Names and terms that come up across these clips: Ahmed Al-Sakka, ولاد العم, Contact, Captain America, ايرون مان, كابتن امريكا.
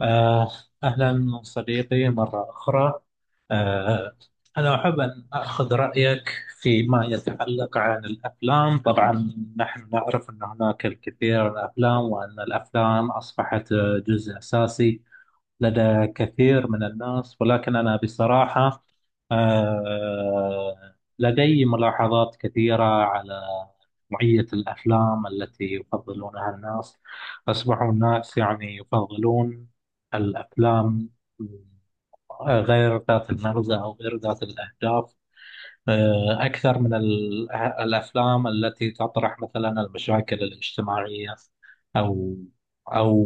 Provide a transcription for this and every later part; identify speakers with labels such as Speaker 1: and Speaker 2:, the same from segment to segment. Speaker 1: آه، أهلا صديقي مرة أخرى. آه، أنا أحب أن أخذ رأيك فيما يتعلق عن الأفلام. طبعا، نحن نعرف أن هناك الكثير من الأفلام، وأن الأفلام أصبحت جزء أساسي لدى كثير من الناس، ولكن أنا بصراحة آه، لدي ملاحظات كثيرة على نوعية الأفلام التي يفضلونها الناس. أصبحوا الناس يعني يفضلون الأفلام غير ذات المغزى أو غير ذات الأهداف، أكثر من الأفلام التي تطرح مثلا المشاكل الاجتماعية، أو أو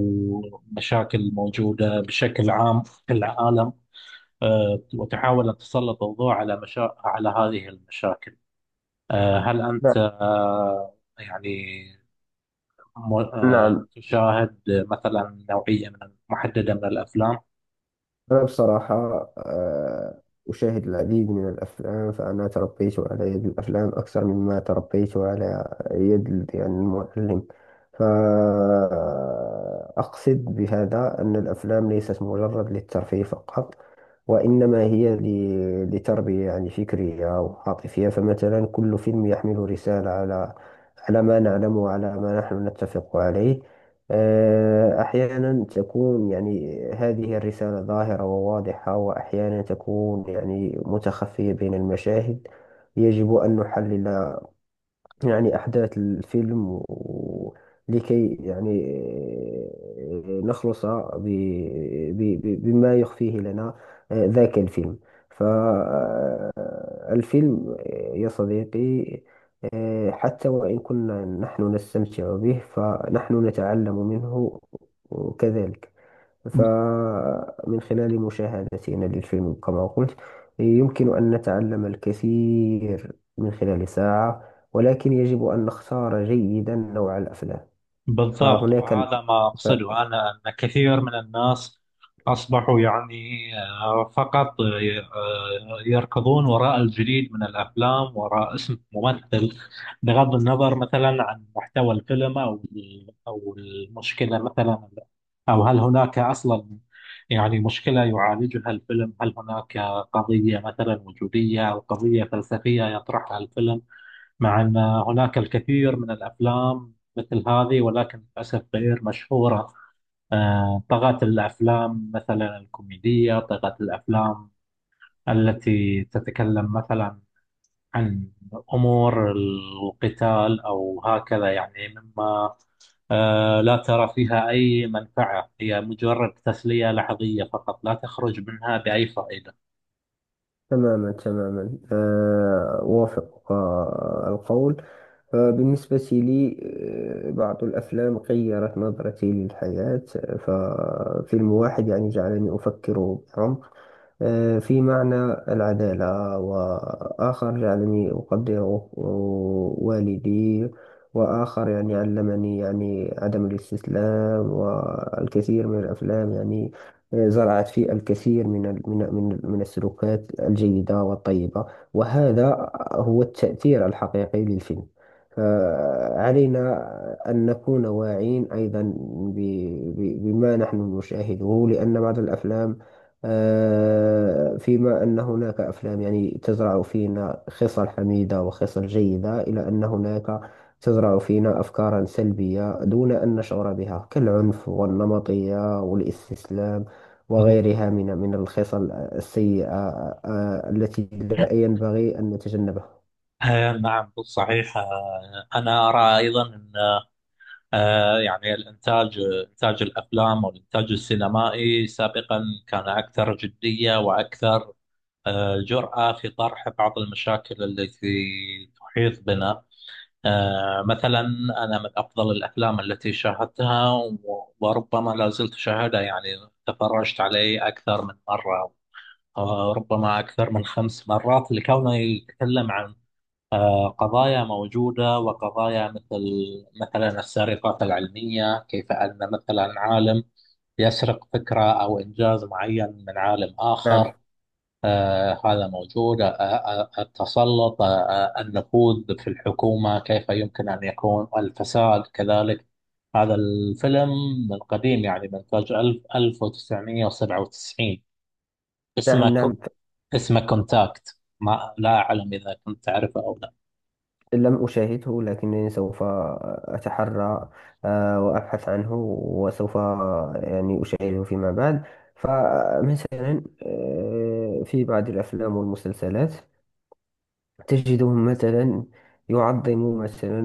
Speaker 1: مشاكل موجودة بشكل عام في العالم، وتحاول أن تسلط الضوء على على هذه المشاكل. هل
Speaker 2: نعم
Speaker 1: أنت يعني
Speaker 2: نعم.
Speaker 1: تشاهد مثلا نوعية من محددة من الأفلام؟
Speaker 2: أنا بصراحة، آه، أشاهد العديد من الأفلام، فأنا تربيت على يد الأفلام أكثر مما تربيت على يد المعلم. فأقصد بهذا أن الأفلام ليست مجرد للترفيه فقط، وإنما هي لتربية يعني فكرية أو عاطفية. فمثلا كل فيلم يحمل رسالة على ما نعلم وعلى ما نحن نتفق عليه. أحيانا تكون يعني هذه الرسالة ظاهرة وواضحة، وأحيانا تكون يعني متخفية بين المشاهد. يجب أن نحلل يعني أحداث الفيلم لكي يعني نخلص بما يخفيه لنا ذاك الفيلم. فالفيلم يا صديقي، حتى وإن كنا نحن نستمتع به فنحن نتعلم منه كذلك. فمن خلال مشاهدتنا للفيلم كما قلت، يمكن أن نتعلم الكثير من خلال ساعة، ولكن يجب أن نختار جيدا نوع الأفلام.
Speaker 1: بالضبط،
Speaker 2: فهناك ال...
Speaker 1: وهذا ما
Speaker 2: ف...
Speaker 1: أقصده. أنا أن كثير من الناس أصبحوا يعني فقط يركضون وراء الجديد من الأفلام، وراء اسم ممثل، بغض النظر مثلا عن محتوى الفيلم، أو المشكلة مثلا، أو هل هناك أصلا يعني مشكلة يعالجها الفيلم، هل هناك قضية مثلا وجودية أو قضية فلسفية يطرحها الفيلم. مع أن هناك الكثير من الأفلام مثل هذه، ولكن للأسف غير مشهورة. طغت الأفلام مثلا الكوميدية، طغت الأفلام التي تتكلم مثلا عن أمور القتال أو هكذا، يعني مما لا ترى فيها أي منفعة، هي مجرد تسلية لحظية فقط، لا تخرج منها بأي فائدة.
Speaker 2: تماما تماما، أوافقك القول. فبالنسبة لي، بعض الأفلام غيرت نظرتي للحياة. ففيلم واحد يعني جعلني أفكر بعمق في معنى العدالة، وآخر جعلني أقدر والدي، وآخر يعني علمني يعني عدم الاستسلام. والكثير من الأفلام يعني زرعت في الكثير من السلوكات الجيدة والطيبة، وهذا هو التأثير الحقيقي للفيلم. فعلينا أن نكون واعين أيضا بما نحن نشاهده، لأن بعض الأفلام، فيما أن هناك أفلام يعني تزرع فينا خصال حميدة وخصال جيدة، إلى أن هناك تزرع فينا أفكارا سلبية دون أن نشعر بها كالعنف والنمطية والاستسلام وغيرها من الخصال السيئة التي لا ينبغي أن نتجنبها.
Speaker 1: نعم، صحيح. أنا أرى أيضا يعني الإنتاج، إنتاج الأفلام والإنتاج السينمائي سابقا كان أكثر جدية، وأكثر جرأة في طرح بعض المشاكل التي تحيط بنا. مثلا، أنا من أفضل الأفلام التي شاهدتها، وربما لا زلت أشاهدها، يعني تفرجت عليه أكثر من مرة، ربما أكثر من خمس مرات، لكونه يتكلم عن قضايا موجودة، وقضايا مثل مثلا السرقات العلمية، كيف أن مثلا عالم يسرق فكرة أو إنجاز معين من عالم
Speaker 2: نعم
Speaker 1: آخر. هذا موجود. التسلط، النفوذ في الحكومة، كيف يمكن أن يكون الفساد كذلك. هذا الفيلم من قديم، يعني من إنتاج 1997، اسمه
Speaker 2: نعم.
Speaker 1: كو- اسمه كونتاكت. ما لا أعلم إذا كنت تعرفه أو لا.
Speaker 2: لم أشاهده، لكنني سوف أتحرى وأبحث عنه، وسوف يعني أشاهده فيما بعد. فمثلا في بعض الأفلام والمسلسلات تجدهم مثلا يعظمون مثلا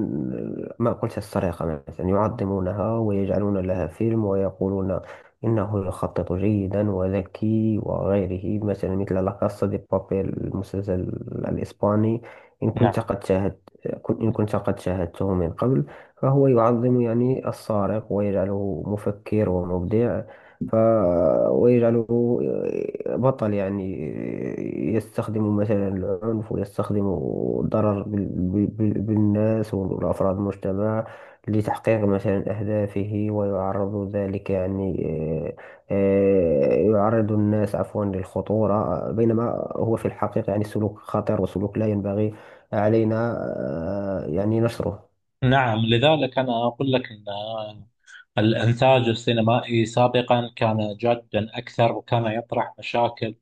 Speaker 2: ما قلت، السرقة مثلا يعظمونها ويجعلون لها فيلم، ويقولون إنه يخطط جيدا وذكي وغيره، مثلا مثل لا كاسا دي بابيل، المسلسل الإسباني. إن كنت
Speaker 1: نعم،
Speaker 2: قد شاهدت إن كنت قد شاهدته من قبل، فهو يعظم يعني السارق ويجعله مفكر ومبدع، ف ويجعله بطل. يعني يستخدم مثلا العنف، ويستخدم الضرر بالناس والأفراد المجتمع لتحقيق مثلا أهدافه، ويعرض ذلك يعني يعرض الناس عفوا للخطورة، بينما هو في الحقيقة يعني سلوك خطير وسلوك لا ينبغي علينا يعني نشره.
Speaker 1: نعم. لذلك أنا أقول لك أن الإنتاج السينمائي سابقا كان جادا أكثر، وكان يطرح مشاكل،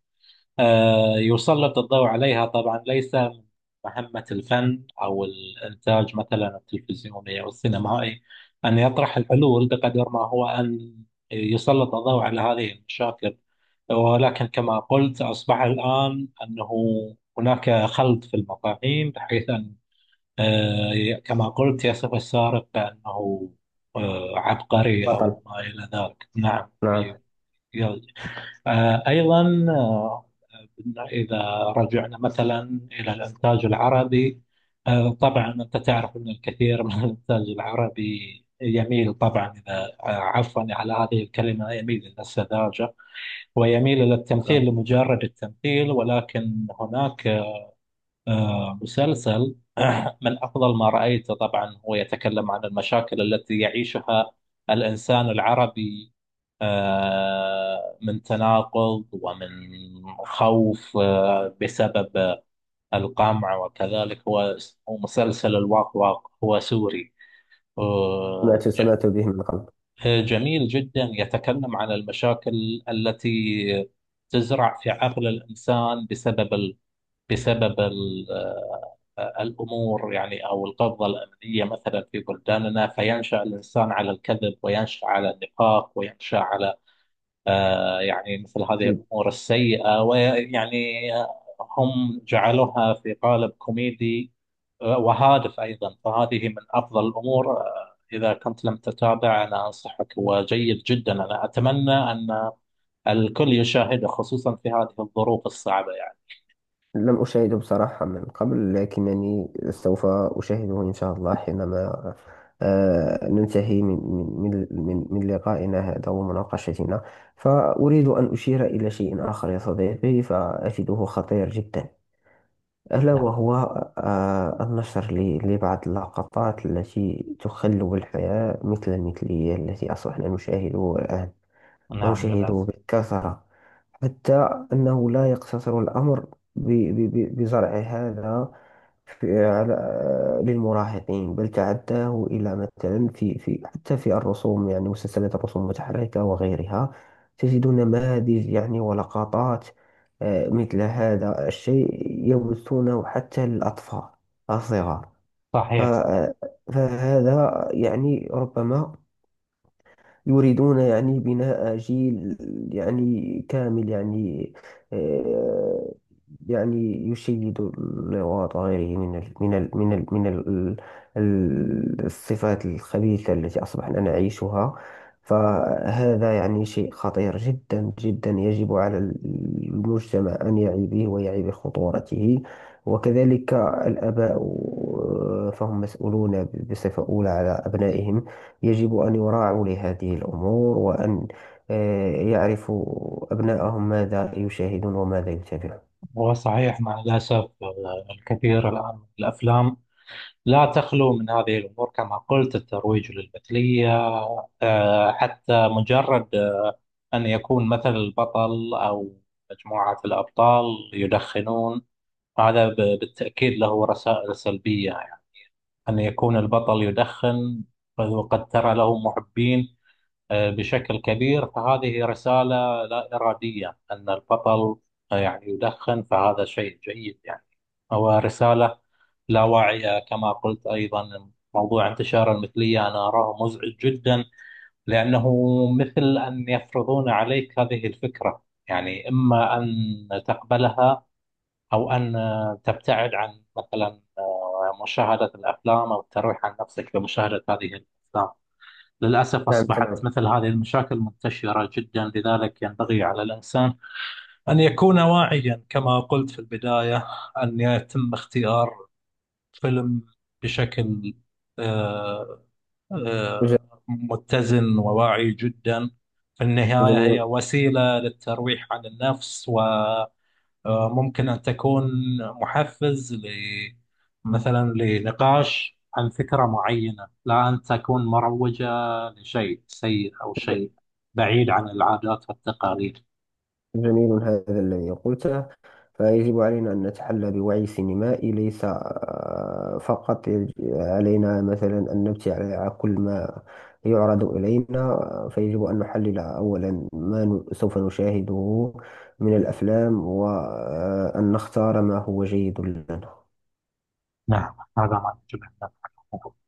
Speaker 1: يسلط الضوء عليها. طبعا ليس من مهمة الفن أو الإنتاج مثلا التلفزيوني أو السينمائي أن يطرح الحلول، بقدر ما هو أن يسلط الضوء على هذه المشاكل. ولكن كما قلت، أصبح الآن أنه هناك خلط في المفاهيم، بحيث أن كما قلت يصف السارق بأنه عبقري
Speaker 2: بطل،
Speaker 1: أو ما إلى ذلك. نعم.
Speaker 2: نعم.
Speaker 1: ي- أيضا إذا رجعنا مثلا إلى الإنتاج العربي. طبعا أنت تعرف أن الكثير من الإنتاج العربي يميل طبعا، إذا عفوا على هذه الكلمة، يميل إلى السذاجة، ويميل إلى التمثيل
Speaker 2: نعم.
Speaker 1: لمجرد التمثيل. ولكن هناك مسلسل من أفضل ما رأيته. طبعا هو يتكلم عن المشاكل التي يعيشها الإنسان العربي، من تناقض ومن خوف، بسبب القمع. وكذلك هو، هو مسلسل الواق واق، هو سوري. آه،
Speaker 2: سمعت
Speaker 1: ج-
Speaker 2: سمعت به من قبل.
Speaker 1: جميل جدا، يتكلم عن المشاكل التي تزرع في عقل الإنسان، بسبب الأمور، يعني أو القبضة الأمنية مثلا في بلداننا، فينشأ الإنسان على الكذب، وينشأ على النفاق، وينشأ على يعني مثل هذه الأمور السيئة. ويعني هم جعلوها في قالب كوميدي وهادف أيضا. فهذه من أفضل الأمور. إذا كنت لم تتابع، أنا أنصحك، وجيد جدا. أنا أتمنى أن الكل يشاهده، خصوصا في هذه الظروف الصعبة يعني.
Speaker 2: لم أشاهده بصراحة من قبل، لكنني سوف أشاهده إن شاء الله حينما ننتهي من لقائنا هذا ومناقشتنا. فأريد أن أشير إلى شيء آخر يا صديقي، فأجده خطير جدا، ألا
Speaker 1: نعم،
Speaker 2: وهو النشر لبعض اللقطات التي تخلو الحياة، مثل المثلية التي أصبحنا نشاهدها الآن
Speaker 1: نعم،
Speaker 2: ويشاهدوه
Speaker 1: للأسف.
Speaker 2: بالكثرة، حتى أنه لا يقتصر الأمر بزرع هذا في على للمراهقين، بل تعداه إلى مثلا في حتى في الرسوم، يعني مسلسلات الرسوم المتحركة وغيرها، تجد نماذج يعني ولقطات مثل هذا الشيء يبثونه حتى للأطفال الصغار. ف-
Speaker 1: صحيح،
Speaker 2: آه، فهذا يعني ربما يريدون يعني بناء جيل يعني كامل يعني آه، يعني يشيد الغاط غيره من ال من ال من ال من ال ال- الصفات الخبيثة التي أصبحنا نعيشها. فهذا يعني شيء خطير جدا جدا، يجب على المجتمع أن يعي به ويعي بخطورته، وكذلك الآباء، فهم مسؤولون بصفة أولى على أبنائهم، يجب أن يراعوا لهذه الأمور، وأن يعرفوا أبنائهم ماذا يشاهدون وماذا يتابعون.
Speaker 1: هو صحيح مع الأسف. الكثير الآن من الأفلام لا تخلو من هذه الأمور، كما قلت الترويج للمثلية. حتى مجرد أن يكون مثل البطل أو مجموعة الأبطال يدخنون، هذا بالتأكيد له رسائل سلبية يعني، أن يكون البطل يدخن وقد ترى له محبين بشكل كبير، فهذه رسالة لا إرادية، أن البطل يعني يدخن فهذا شيء جيد يعني، هو رسالة لا واعية. كما قلت أيضا، موضوع انتشار المثلية أنا أراه مزعج جدا، لأنه مثل أن يفرضون عليك هذه الفكرة، يعني إما أن تقبلها أو أن تبتعد عن مثلا مشاهدة الأفلام، أو الترويح عن نفسك بمشاهدة هذه الأفلام. للأسف
Speaker 2: نعم
Speaker 1: أصبحت
Speaker 2: تمام.
Speaker 1: مثل هذه المشاكل منتشرة جدا، لذلك ينبغي على الإنسان أن يكون واعيا كما قلت في البداية، أن يتم اختيار فيلم بشكل آه،
Speaker 2: ج-
Speaker 1: متزن وواعي جدا. في النهاية هي
Speaker 2: جميل
Speaker 1: وسيلة للترويح عن النفس، و ممكن أن تكون محفز ل مثلا لنقاش عن فكرة معينة، لا أن تكون مروجة لشيء سيء أو
Speaker 2: ج-
Speaker 1: شيء بعيد عن العادات والتقاليد.
Speaker 2: جميل هذا الذي قلته. فيجب علينا أن نتحلى بوعي سينمائي، ليس فقط علينا مثلا أن نبتي على كل ما يعرض إلينا، فيجب أن نحلل أولا ما سوف نشاهده من الأفلام، وأن نختار ما هو جيد لنا.
Speaker 1: نعم، هذا ما يجب أن نفعله.